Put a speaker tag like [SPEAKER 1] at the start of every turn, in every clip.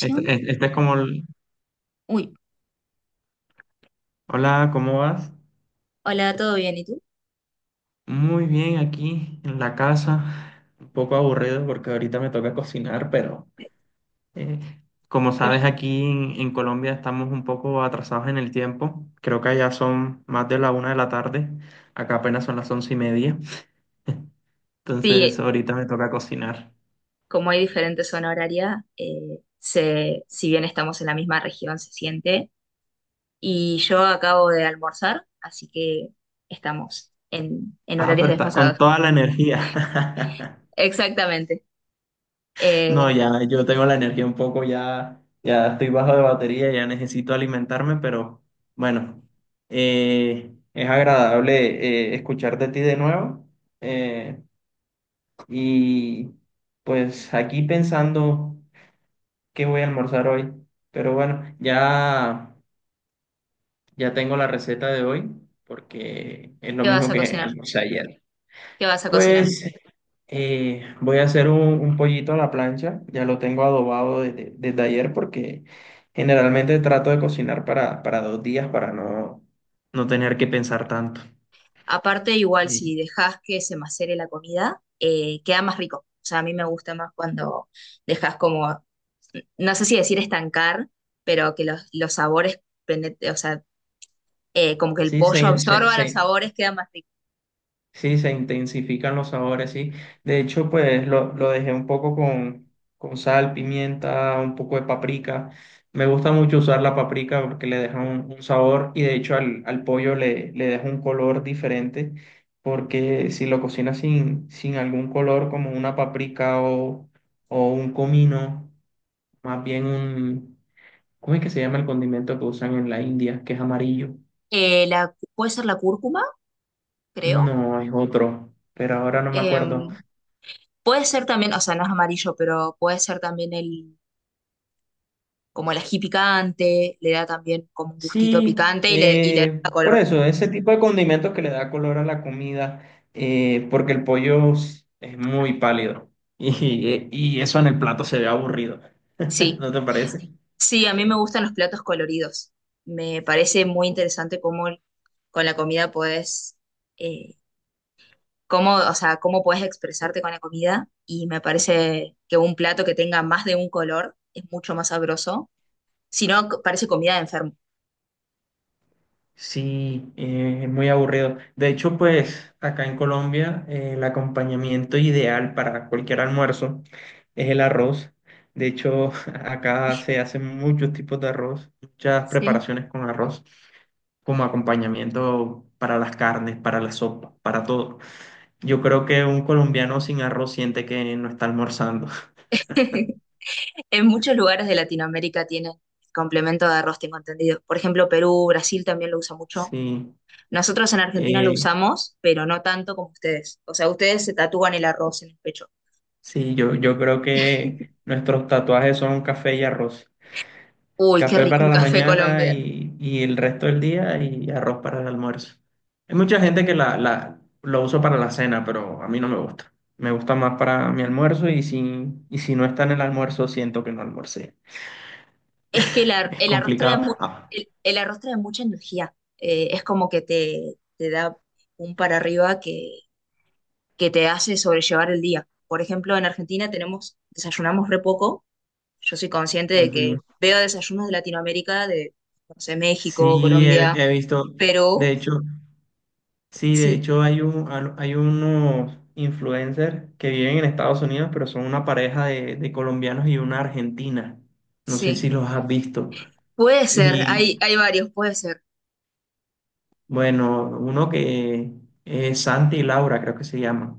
[SPEAKER 1] Este es como,
[SPEAKER 2] Uy,
[SPEAKER 1] hola, ¿cómo vas?
[SPEAKER 2] hola, ¿todo bien? ¿Y tú?
[SPEAKER 1] Muy bien, aquí en la casa, un poco aburrido porque ahorita me toca cocinar, pero eh, como sabes, aquí en Colombia estamos un poco atrasados en el tiempo. Creo que allá son más de la 1 de la tarde, acá apenas son las 11:30. Entonces ahorita me toca cocinar.
[SPEAKER 2] Como hay diferente zona horaria, se, si bien estamos en la misma región, se siente. Y yo acabo de almorzar, así que estamos en
[SPEAKER 1] Ah,
[SPEAKER 2] horarios
[SPEAKER 1] pero estás con
[SPEAKER 2] desfasados.
[SPEAKER 1] toda la energía.
[SPEAKER 2] Exactamente.
[SPEAKER 1] No,
[SPEAKER 2] Eh,
[SPEAKER 1] ya yo tengo la energía un poco, ya, ya estoy bajo de batería, ya necesito alimentarme, pero bueno, es agradable, escuchar de ti de nuevo. eh, y pues aquí pensando qué voy a almorzar hoy, pero bueno, ya, ya tengo la receta de hoy porque es lo
[SPEAKER 2] ¿Qué vas
[SPEAKER 1] mismo
[SPEAKER 2] a
[SPEAKER 1] que
[SPEAKER 2] cocinar?
[SPEAKER 1] almorcé ayer.
[SPEAKER 2] ¿Qué vas a cocinar?
[SPEAKER 1] Pues, voy a hacer un pollito a la plancha, ya lo tengo adobado desde ayer porque generalmente trato de cocinar para 2 días para no tener que pensar tanto.
[SPEAKER 2] Aparte, igual
[SPEAKER 1] Y
[SPEAKER 2] si dejas que se macere la comida, queda más rico. O sea, a mí me gusta más cuando dejas como, no sé si decir estancar, pero que los sabores o sea, como que el
[SPEAKER 1] sí,
[SPEAKER 2] pollo absorba los sabores, queda más rico.
[SPEAKER 1] sí, se intensifican los sabores, sí. De hecho, pues lo dejé un poco con sal, pimienta, un poco de paprika. Me gusta mucho usar la paprika porque le deja un sabor, y de hecho al pollo le deja un color diferente, porque si lo cocinas sin algún color como una paprika o un comino, más bien ¿cómo es que se llama el condimento que usan en la India, que es amarillo?
[SPEAKER 2] La, puede ser la cúrcuma, creo.
[SPEAKER 1] No, es otro, pero ahora no me acuerdo.
[SPEAKER 2] Em, puede ser también, o sea, no es amarillo, pero puede ser también el, como el ají picante, le da también como un gustito
[SPEAKER 1] Sí,
[SPEAKER 2] picante y le da
[SPEAKER 1] por
[SPEAKER 2] color.
[SPEAKER 1] eso, ese tipo de condimentos que le da color a la comida, porque el pollo es muy pálido, y eso en el plato se ve aburrido.
[SPEAKER 2] Sí,
[SPEAKER 1] ¿No te parece?
[SPEAKER 2] sí, a mí me gustan los platos coloridos. Me parece muy interesante cómo con la comida puedes, eh, cómo, o sea, cómo puedes expresarte con la comida y me parece que un plato que tenga más de un color es mucho más sabroso. Si no, parece comida de enfermo.
[SPEAKER 1] Sí, es muy aburrido. De hecho, pues acá en Colombia, el acompañamiento ideal para cualquier almuerzo es el arroz. De hecho, acá se hacen muchos tipos de arroz, muchas
[SPEAKER 2] Sí.
[SPEAKER 1] preparaciones con arroz, como acompañamiento para las carnes, para la sopa, para todo. Yo creo que un colombiano sin arroz siente que no está almorzando.
[SPEAKER 2] En muchos lugares de Latinoamérica tienen complemento de arroz, tengo entendido. Por ejemplo, Perú, Brasil también lo usa mucho.
[SPEAKER 1] Sí,
[SPEAKER 2] Nosotros en Argentina lo
[SPEAKER 1] eh,
[SPEAKER 2] usamos, pero no tanto como ustedes. O sea, ustedes se tatúan el arroz en el pecho.
[SPEAKER 1] sí, yo creo que nuestros tatuajes son café y arroz.
[SPEAKER 2] Uy, qué
[SPEAKER 1] Café
[SPEAKER 2] rico el
[SPEAKER 1] para la
[SPEAKER 2] café
[SPEAKER 1] mañana
[SPEAKER 2] colombiano.
[SPEAKER 1] y el resto del día, y arroz para el almuerzo. Hay mucha
[SPEAKER 2] Eh,
[SPEAKER 1] gente que lo usa para la cena, pero a mí no me gusta. Me gusta más para mi almuerzo, y y si no está en el almuerzo, siento que no almorcé.
[SPEAKER 2] Es que el,
[SPEAKER 1] Es
[SPEAKER 2] el arroz trae
[SPEAKER 1] complicado. Ah,
[SPEAKER 2] el arroz trae mucha energía. Es como que te da un para arriba que te hace sobrellevar el día. Por ejemplo, en Argentina tenemos, desayunamos re poco, yo soy consciente de
[SPEAKER 1] ujú.
[SPEAKER 2] que veo desayunos de Latinoamérica, de, no sé, México,
[SPEAKER 1] Sí, he,
[SPEAKER 2] Colombia,
[SPEAKER 1] he visto, de
[SPEAKER 2] Perú.
[SPEAKER 1] hecho, sí, de
[SPEAKER 2] Sí,
[SPEAKER 1] hecho hay un, hay unos influencers que viven en Estados Unidos, pero son una pareja de colombianos y una argentina. No sé si
[SPEAKER 2] sí,
[SPEAKER 1] los has visto.
[SPEAKER 2] puede ser,
[SPEAKER 1] Y
[SPEAKER 2] hay varios, puede ser,
[SPEAKER 1] bueno, uno que es Santi y Laura, creo que se llama.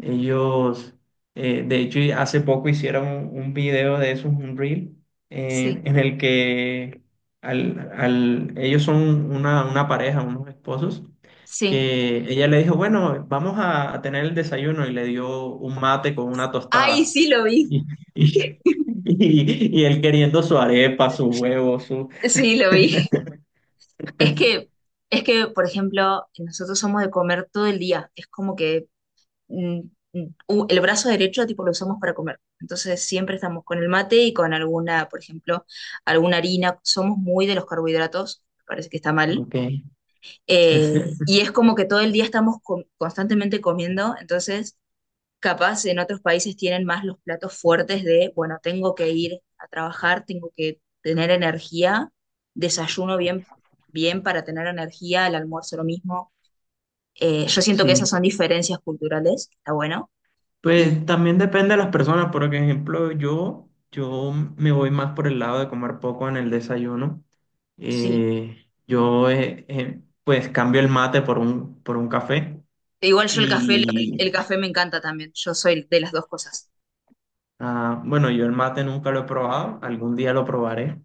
[SPEAKER 1] Ellos, de hecho, y hace poco hicieron un video de esos, un reel,
[SPEAKER 2] sí,
[SPEAKER 1] en el que ellos son una pareja, unos esposos,
[SPEAKER 2] sí.
[SPEAKER 1] que ella le dijo, bueno, vamos a tener el desayuno, y le dio un mate con una
[SPEAKER 2] Ay,
[SPEAKER 1] tostada.
[SPEAKER 2] sí lo vi,
[SPEAKER 1] Y, y, y él queriendo su arepa, su huevo, su.
[SPEAKER 2] sí lo vi. Es que, es que, por ejemplo, nosotros somos de comer todo el día, es como que mm, el brazo derecho tipo lo usamos para comer, entonces siempre estamos con el mate y con alguna, por ejemplo, alguna harina, somos muy de los carbohidratos, parece que está mal,
[SPEAKER 1] Ok.
[SPEAKER 2] y es como que todo el día estamos constantemente comiendo, entonces capaz en otros países tienen más los platos fuertes de, bueno, tengo que ir a trabajar, tengo que tener energía, desayuno bien, bien para tener energía, el almuerzo lo mismo. Yo siento que esas
[SPEAKER 1] Sí.
[SPEAKER 2] son diferencias culturales, está bueno, y
[SPEAKER 1] Pues también depende de las personas, por ejemplo, yo me voy más por el lado de comer poco en el desayuno.
[SPEAKER 2] sí.
[SPEAKER 1] Yo, pues cambio el mate por un café.
[SPEAKER 2] Igual yo el café,
[SPEAKER 1] Y
[SPEAKER 2] el café me encanta también, yo soy de las dos cosas.
[SPEAKER 1] ah, bueno, yo el mate nunca lo he probado, algún día lo probaré,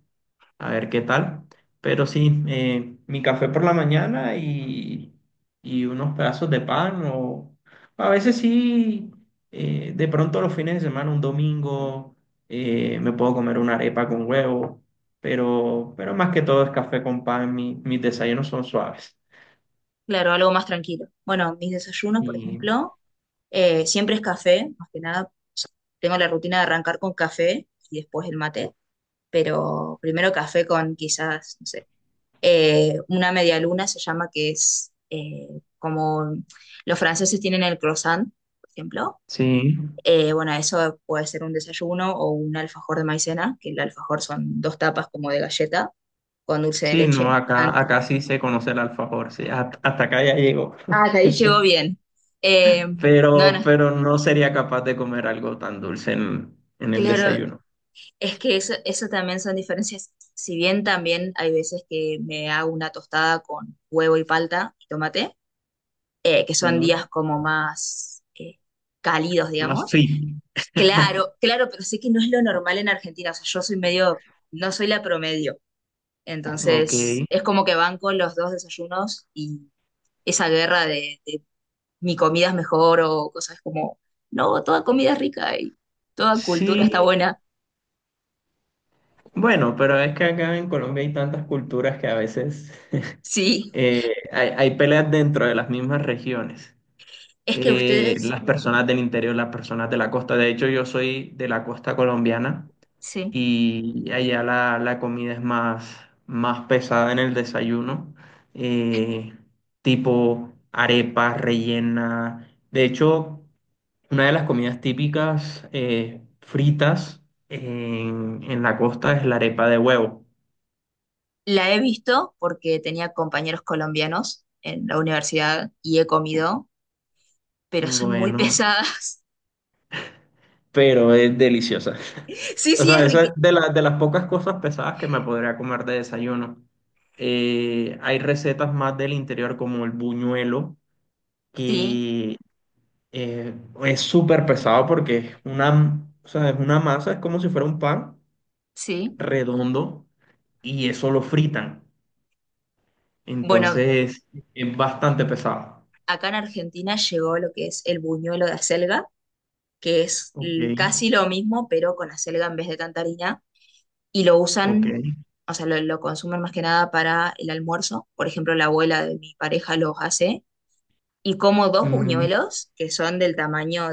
[SPEAKER 1] a ver qué tal. Pero sí, mi café por la mañana y unos pedazos de pan, o a veces sí, de pronto los fines de semana, un domingo, me puedo comer una arepa con huevo, pero más que todo es café con pan, mis desayunos son suaves.
[SPEAKER 2] Claro, algo más tranquilo. Bueno, mis desayunos, por
[SPEAKER 1] Y
[SPEAKER 2] ejemplo. Siempre es café, más que nada. O sea, tengo la rutina de arrancar con café y después el mate, pero primero café con quizás, no sé, una media luna se llama, que es como los franceses tienen el croissant, por ejemplo.
[SPEAKER 1] sí,
[SPEAKER 2] Bueno, eso puede ser un desayuno o un alfajor de maicena, que el alfajor son dos tapas como de galleta con dulce de
[SPEAKER 1] sí, no,
[SPEAKER 2] leche. Ah,
[SPEAKER 1] acá,
[SPEAKER 2] no.
[SPEAKER 1] acá sí se conoce el alfajor, sí, hasta acá ya llego,
[SPEAKER 2] Ah, hasta ahí llegó bien. No, no,
[SPEAKER 1] pero no sería capaz de comer algo tan dulce en el
[SPEAKER 2] claro,
[SPEAKER 1] desayuno.
[SPEAKER 2] es que eso también son diferencias. Si bien también hay veces que me hago una tostada con huevo y palta y tomate, que
[SPEAKER 1] Sí.
[SPEAKER 2] son días como más cálidos,
[SPEAKER 1] Más
[SPEAKER 2] digamos.
[SPEAKER 1] fit.
[SPEAKER 2] Claro, claro, pero sé que no es lo normal en Argentina. O sea, yo soy medio, no soy la promedio.
[SPEAKER 1] Ok.
[SPEAKER 2] Entonces, es como que van con los dos desayunos y esa guerra de mi comida es mejor o cosas como, no, toda comida es rica y toda cultura está
[SPEAKER 1] Sí,
[SPEAKER 2] buena.
[SPEAKER 1] bueno, pero es que acá en Colombia hay tantas culturas que a veces,
[SPEAKER 2] Sí,
[SPEAKER 1] hay peleas dentro de las mismas regiones.
[SPEAKER 2] es que
[SPEAKER 1] Eh,
[SPEAKER 2] ustedes,
[SPEAKER 1] las personas del interior, las personas de la costa. De hecho, yo soy de la costa colombiana
[SPEAKER 2] sí.
[SPEAKER 1] y allá la comida es más, más pesada en el desayuno, eh, tipo arepas, rellena. De hecho, una de las comidas típicas, fritas, en la costa, es la arepa de huevo.
[SPEAKER 2] La he visto porque tenía compañeros colombianos en la universidad y he comido, pero son muy
[SPEAKER 1] Bueno,
[SPEAKER 2] pesadas.
[SPEAKER 1] pero es deliciosa.
[SPEAKER 2] Sí,
[SPEAKER 1] O
[SPEAKER 2] sí, es
[SPEAKER 1] sea, esa es
[SPEAKER 2] riquísimo.
[SPEAKER 1] de las pocas cosas pesadas que me podría comer de desayuno. Hay recetas más del interior como el buñuelo,
[SPEAKER 2] Sí,
[SPEAKER 1] que, eh, es súper pesado porque es una, o sea, es una masa, es como si fuera un pan
[SPEAKER 2] sí.
[SPEAKER 1] redondo, y eso lo fritan.
[SPEAKER 2] Bueno,
[SPEAKER 1] Entonces, es bastante pesado.
[SPEAKER 2] acá en Argentina llegó lo que es el buñuelo de acelga, que es
[SPEAKER 1] Ok,
[SPEAKER 2] casi lo mismo, pero con acelga en vez de tanta harina, y lo
[SPEAKER 1] ok.
[SPEAKER 2] usan, o sea, lo consumen más que nada para el almuerzo. Por ejemplo, la abuela de mi pareja los hace, y como dos
[SPEAKER 1] Mm,
[SPEAKER 2] buñuelos que son del tamaño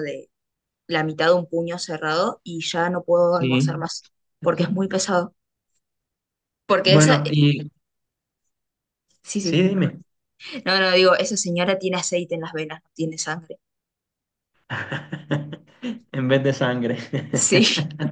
[SPEAKER 2] la mitad de un puño cerrado y ya no puedo
[SPEAKER 1] sí.
[SPEAKER 2] almorzar más porque es muy pesado. Porque esa,
[SPEAKER 1] Bueno, y
[SPEAKER 2] sí,
[SPEAKER 1] sí,
[SPEAKER 2] sí, perdón.
[SPEAKER 1] dime.
[SPEAKER 2] No, no, digo, esa señora tiene aceite en las venas, no tiene sangre.
[SPEAKER 1] En vez de sangre.
[SPEAKER 2] Sí,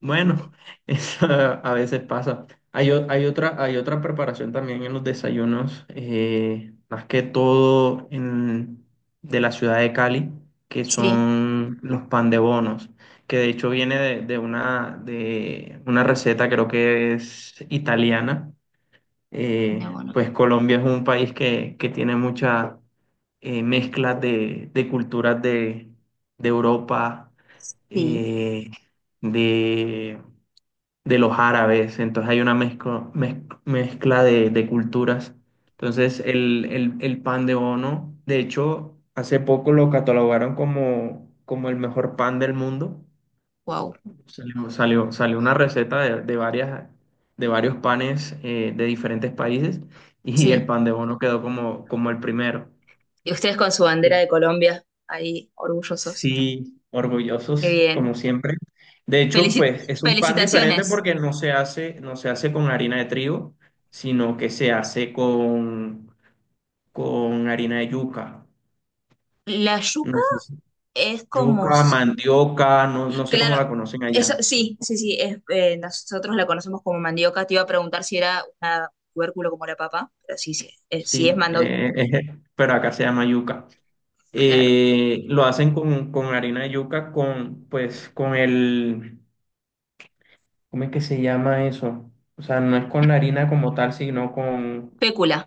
[SPEAKER 1] Bueno, eso a veces pasa. Hay, hay otra preparación también en los desayunos, más que todo en, de la ciudad de Cali, que
[SPEAKER 2] sí,
[SPEAKER 1] son los pan de bonos, que de hecho viene de, de una receta, creo que es italiana.
[SPEAKER 2] no, bueno,
[SPEAKER 1] Pues Colombia es un país que tiene mucha, mezcla de culturas, de Europa,
[SPEAKER 2] sí,
[SPEAKER 1] eh, de de los árabes, entonces hay una mezcla, mezcla de culturas. Entonces el, el pan de bono, de hecho, hace poco lo catalogaron como, como el mejor pan del mundo.
[SPEAKER 2] wow,
[SPEAKER 1] Salió una receta de, de varios panes, de diferentes países, y el
[SPEAKER 2] sí.
[SPEAKER 1] pan de bono quedó como, como el primero.
[SPEAKER 2] Y ustedes con su bandera de Colombia, ahí, orgullosos.
[SPEAKER 1] Sí,
[SPEAKER 2] Qué
[SPEAKER 1] orgullosos,
[SPEAKER 2] bien.
[SPEAKER 1] como siempre. De hecho,
[SPEAKER 2] Felicit-
[SPEAKER 1] pues es un pan diferente
[SPEAKER 2] felicitaciones.
[SPEAKER 1] porque no se hace con harina de trigo, sino que se hace con harina de yuca.
[SPEAKER 2] La
[SPEAKER 1] No
[SPEAKER 2] yuca
[SPEAKER 1] sé
[SPEAKER 2] es como,
[SPEAKER 1] yuca, mandioca, no, no sé cómo
[SPEAKER 2] claro,
[SPEAKER 1] la conocen
[SPEAKER 2] eso
[SPEAKER 1] allá.
[SPEAKER 2] sí, sí, sí, es, nosotros la conocemos como mandioca. Te iba a preguntar si era un tubérculo como la papa, pero sí, sí, sí es
[SPEAKER 1] Sí,
[SPEAKER 2] mando,
[SPEAKER 1] pero acá se llama yuca.
[SPEAKER 2] claro.
[SPEAKER 1] Lo hacen con harina de yuca, con, pues, con el, ¿cómo es que se llama eso? O sea, no es con la harina como tal, sino con
[SPEAKER 2] Pécula,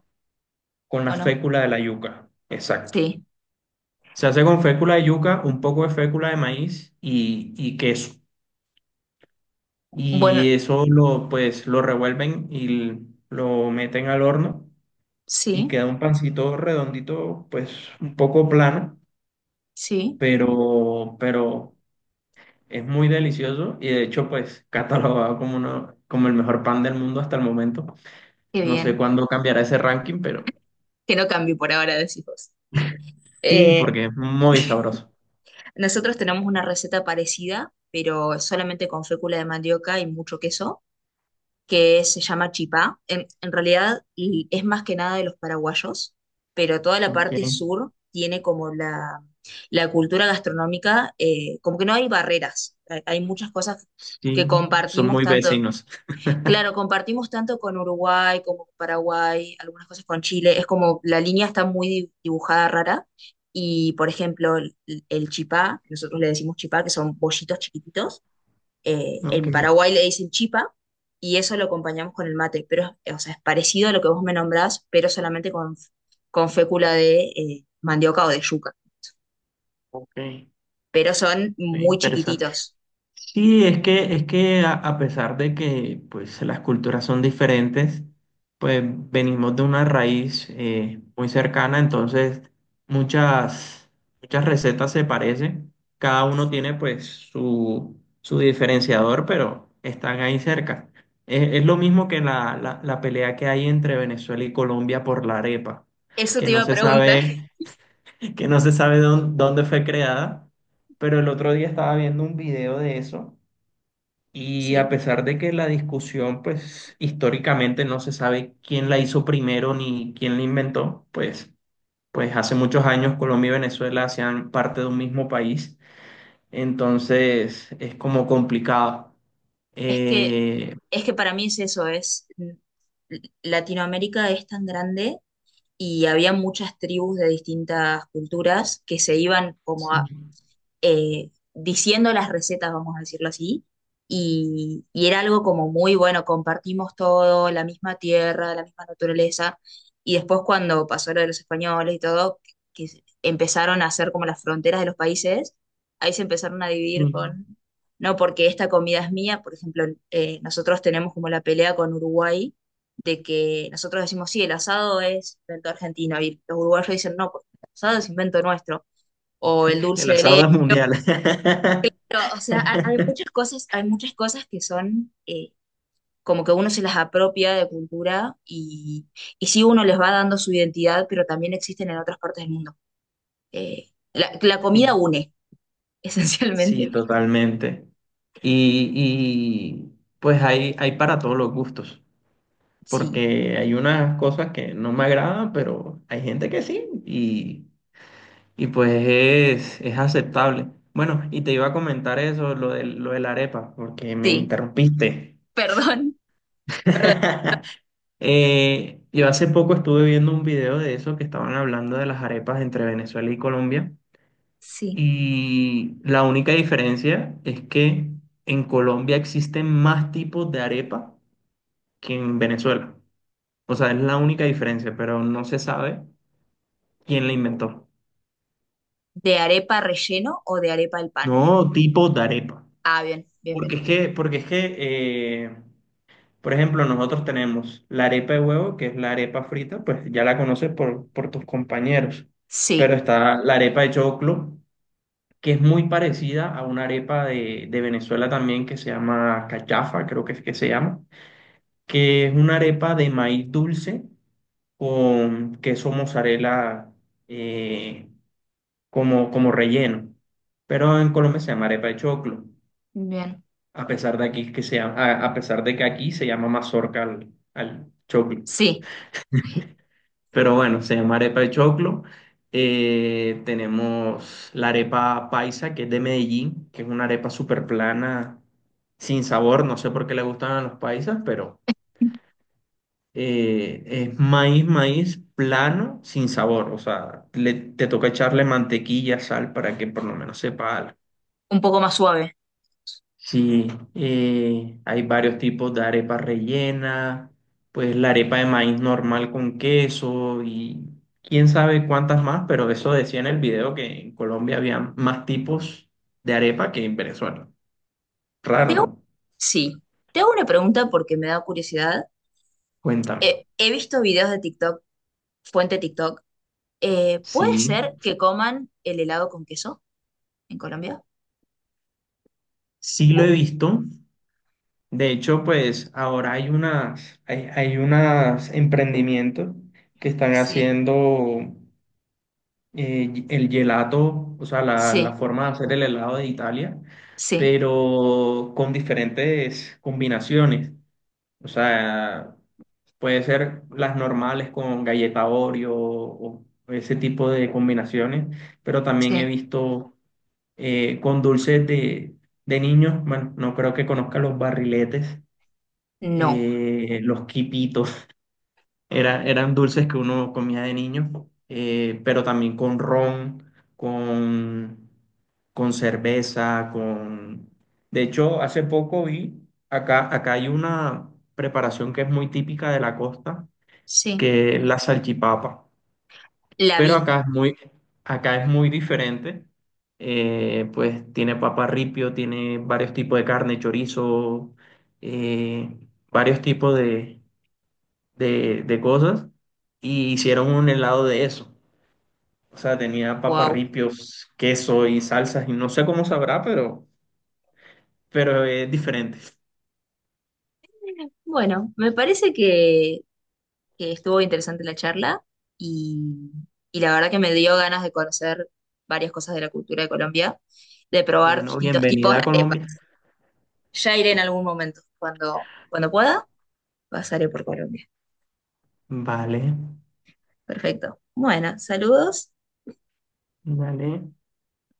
[SPEAKER 1] Con la
[SPEAKER 2] ¿o no?
[SPEAKER 1] fécula de la yuca, exacto.
[SPEAKER 2] Sí.
[SPEAKER 1] Se hace con fécula de yuca, un poco de fécula de maíz y queso.
[SPEAKER 2] Bueno,
[SPEAKER 1] Y eso lo, pues, lo revuelven y lo meten al horno, y
[SPEAKER 2] sí,
[SPEAKER 1] queda un pancito redondito, pues un poco plano,
[SPEAKER 2] sí,
[SPEAKER 1] pero es muy delicioso, y de hecho, pues, catalogado como, uno, como el mejor pan del mundo hasta el momento.
[SPEAKER 2] qué
[SPEAKER 1] No sé
[SPEAKER 2] bien.
[SPEAKER 1] cuándo cambiará ese ranking, pero
[SPEAKER 2] Que no cambie por ahora, decís vos.
[SPEAKER 1] sí,
[SPEAKER 2] Eh,
[SPEAKER 1] porque es muy sabroso.
[SPEAKER 2] nosotros tenemos una receta parecida, pero solamente con fécula de mandioca y mucho queso, que se llama Chipá. En realidad y es más que nada de los paraguayos, pero toda la
[SPEAKER 1] Ok,
[SPEAKER 2] parte sur tiene como la cultura gastronómica, como que no hay barreras, hay muchas cosas
[SPEAKER 1] sí,
[SPEAKER 2] que
[SPEAKER 1] son
[SPEAKER 2] compartimos
[SPEAKER 1] muy
[SPEAKER 2] tanto,
[SPEAKER 1] vecinos.
[SPEAKER 2] claro, compartimos tanto con Uruguay como con Paraguay, algunas cosas con Chile, es como la línea está muy dibujada rara. Y por ejemplo, el chipá, nosotros le decimos chipá, que son bollitos chiquititos,
[SPEAKER 1] Ok,
[SPEAKER 2] en Paraguay le dicen chipa, y eso lo acompañamos con el mate, pero o sea, es parecido a lo que vos me nombrás, pero solamente con fécula de mandioca o de yuca,
[SPEAKER 1] ok,
[SPEAKER 2] pero son muy
[SPEAKER 1] interesante.
[SPEAKER 2] chiquititos.
[SPEAKER 1] Sí, es que a pesar de que, pues, las culturas son diferentes, pues venimos de una raíz, muy cercana, entonces muchas, muchas recetas se parecen. Cada uno tiene pues su diferenciador, pero están ahí cerca. Es lo mismo que la pelea que hay entre Venezuela y Colombia por la arepa,
[SPEAKER 2] Eso
[SPEAKER 1] que
[SPEAKER 2] te iba
[SPEAKER 1] no
[SPEAKER 2] a
[SPEAKER 1] se
[SPEAKER 2] preguntar.
[SPEAKER 1] sabe. Que no se sabe dónde fue creada, pero el otro día estaba viendo un video de eso, y a
[SPEAKER 2] Sí,
[SPEAKER 1] pesar de que la discusión, pues, históricamente no se sabe quién la hizo primero ni quién la inventó, pues, pues hace muchos años Colombia y Venezuela hacían parte de un mismo país, entonces es como complicado.
[SPEAKER 2] es que,
[SPEAKER 1] Eh,
[SPEAKER 2] es que para mí es eso, es Latinoamérica es tan grande y había muchas tribus de distintas culturas que se iban como
[SPEAKER 1] sí,
[SPEAKER 2] diciendo las recetas, vamos a decirlo así, y era algo como muy bueno, compartimos todo, la misma tierra, la misma naturaleza, y después cuando pasó lo de los españoles y todo, que empezaron a hacer como las fronteras de los países, ahí se empezaron a
[SPEAKER 1] sí,
[SPEAKER 2] dividir con, no, porque esta comida es mía, por ejemplo, nosotros tenemos como la pelea con Uruguay, de que nosotros decimos, sí, el asado es invento argentino, y los uruguayos dicen, no, porque el asado es invento nuestro, o el
[SPEAKER 1] el
[SPEAKER 2] dulce de
[SPEAKER 1] asado
[SPEAKER 2] leche.
[SPEAKER 1] es mundial.
[SPEAKER 2] Pero, o sea, hay muchas cosas que son como que uno se las apropia de cultura y sí uno les va dando su identidad, pero también existen en otras partes del mundo. La, la comida
[SPEAKER 1] Sí,
[SPEAKER 2] une,
[SPEAKER 1] sí,
[SPEAKER 2] esencialmente.
[SPEAKER 1] totalmente. Y, y, pues hay para todos los gustos,
[SPEAKER 2] Sí,
[SPEAKER 1] porque hay unas cosas que no me agradan, pero hay gente que sí, y pues es aceptable. Bueno, y te iba a comentar eso, lo de la arepa, porque me
[SPEAKER 2] sí,
[SPEAKER 1] interrumpiste.
[SPEAKER 2] perdón, perdón.
[SPEAKER 1] Yo hace poco estuve viendo un video de eso, que estaban hablando de las arepas entre Venezuela y Colombia,
[SPEAKER 2] Sí,
[SPEAKER 1] y la única diferencia es que en Colombia existen más tipos de arepa que en Venezuela. O sea, es la única diferencia, pero no se sabe quién la inventó.
[SPEAKER 2] de arepa relleno o de arepa al pan.
[SPEAKER 1] No, tipo de arepa.
[SPEAKER 2] Ah, bien, bien, bien.
[SPEAKER 1] Porque es que, eh, por ejemplo, nosotros tenemos la arepa de huevo, que es la arepa frita, pues ya la conoces por tus compañeros. Pero
[SPEAKER 2] Sí,
[SPEAKER 1] está la arepa de choclo, que es muy parecida a una arepa de Venezuela también, que se llama cachafa, creo que es que se llama, que es una arepa de maíz dulce con queso mozzarella, eh, como, como relleno. Pero en Colombia se llama arepa de choclo,
[SPEAKER 2] bien.
[SPEAKER 1] a pesar de aquí que a pesar de que aquí se llama mazorca al choclo.
[SPEAKER 2] Sí,
[SPEAKER 1] Pero bueno, se llama arepa de choclo. Tenemos la arepa paisa, que es de Medellín, que es una arepa súper plana, sin sabor. No sé por qué le gustan a los paisas, pero es maíz, maíz plano, sin sabor. O sea, te toca echarle mantequilla, sal, para que por lo menos sepa algo.
[SPEAKER 2] un poco más suave.
[SPEAKER 1] Sí, hay varios tipos de arepa rellena, pues la arepa de maíz normal con queso, y quién sabe cuántas más, pero eso decía en el video, que en Colombia había más tipos de arepa que en Venezuela.
[SPEAKER 2] Te
[SPEAKER 1] Raro,
[SPEAKER 2] hago-
[SPEAKER 1] ¿no?
[SPEAKER 2] sí, te hago una pregunta porque me da curiosidad.
[SPEAKER 1] Cuéntame.
[SPEAKER 2] He visto videos de TikTok, fuente TikTok. ¿Puede
[SPEAKER 1] Sí,
[SPEAKER 2] ser que coman el helado con queso en Colombia?
[SPEAKER 1] sí lo he
[SPEAKER 2] Oh,
[SPEAKER 1] visto. De hecho, pues ahora hay unas, hay unas emprendimientos que están
[SPEAKER 2] sí,
[SPEAKER 1] haciendo, el gelato, o sea, la
[SPEAKER 2] sí,
[SPEAKER 1] forma de hacer el helado de Italia,
[SPEAKER 2] sí,
[SPEAKER 1] pero con diferentes combinaciones. O sea, puede ser las normales con galleta Oreo o ese tipo de combinaciones, pero también he
[SPEAKER 2] sí.
[SPEAKER 1] visto, con dulces de niños, bueno, no creo que conozca los barriletes,
[SPEAKER 2] No,
[SPEAKER 1] los quipitos. Era, eran dulces que uno comía de niño, pero también con ron, con, con cerveza, con... De hecho, hace poco vi, acá hay una preparación que es muy típica de la costa,
[SPEAKER 2] sí,
[SPEAKER 1] que es la salchipapa,
[SPEAKER 2] la
[SPEAKER 1] pero
[SPEAKER 2] vi.
[SPEAKER 1] acá es muy diferente. Pues tiene papa ripio, tiene varios tipos de carne, chorizo, eh, varios tipos de, de cosas, y hicieron un helado de eso. O sea, tenía papas,
[SPEAKER 2] Wow.
[SPEAKER 1] queso y salsas, y no sé cómo sabrá, pero es diferente.
[SPEAKER 2] Bueno, me parece que estuvo interesante la charla y, y la verdad que me dio ganas de conocer varias cosas de la cultura de Colombia, de probar
[SPEAKER 1] Bueno,
[SPEAKER 2] distintos tipos
[SPEAKER 1] bienvenida
[SPEAKER 2] de
[SPEAKER 1] a Colombia.
[SPEAKER 2] arepas. Ya iré en algún momento, cuando, cuando pueda, pasaré por Colombia.
[SPEAKER 1] Vale,
[SPEAKER 2] Perfecto. Bueno, saludos.
[SPEAKER 1] vale.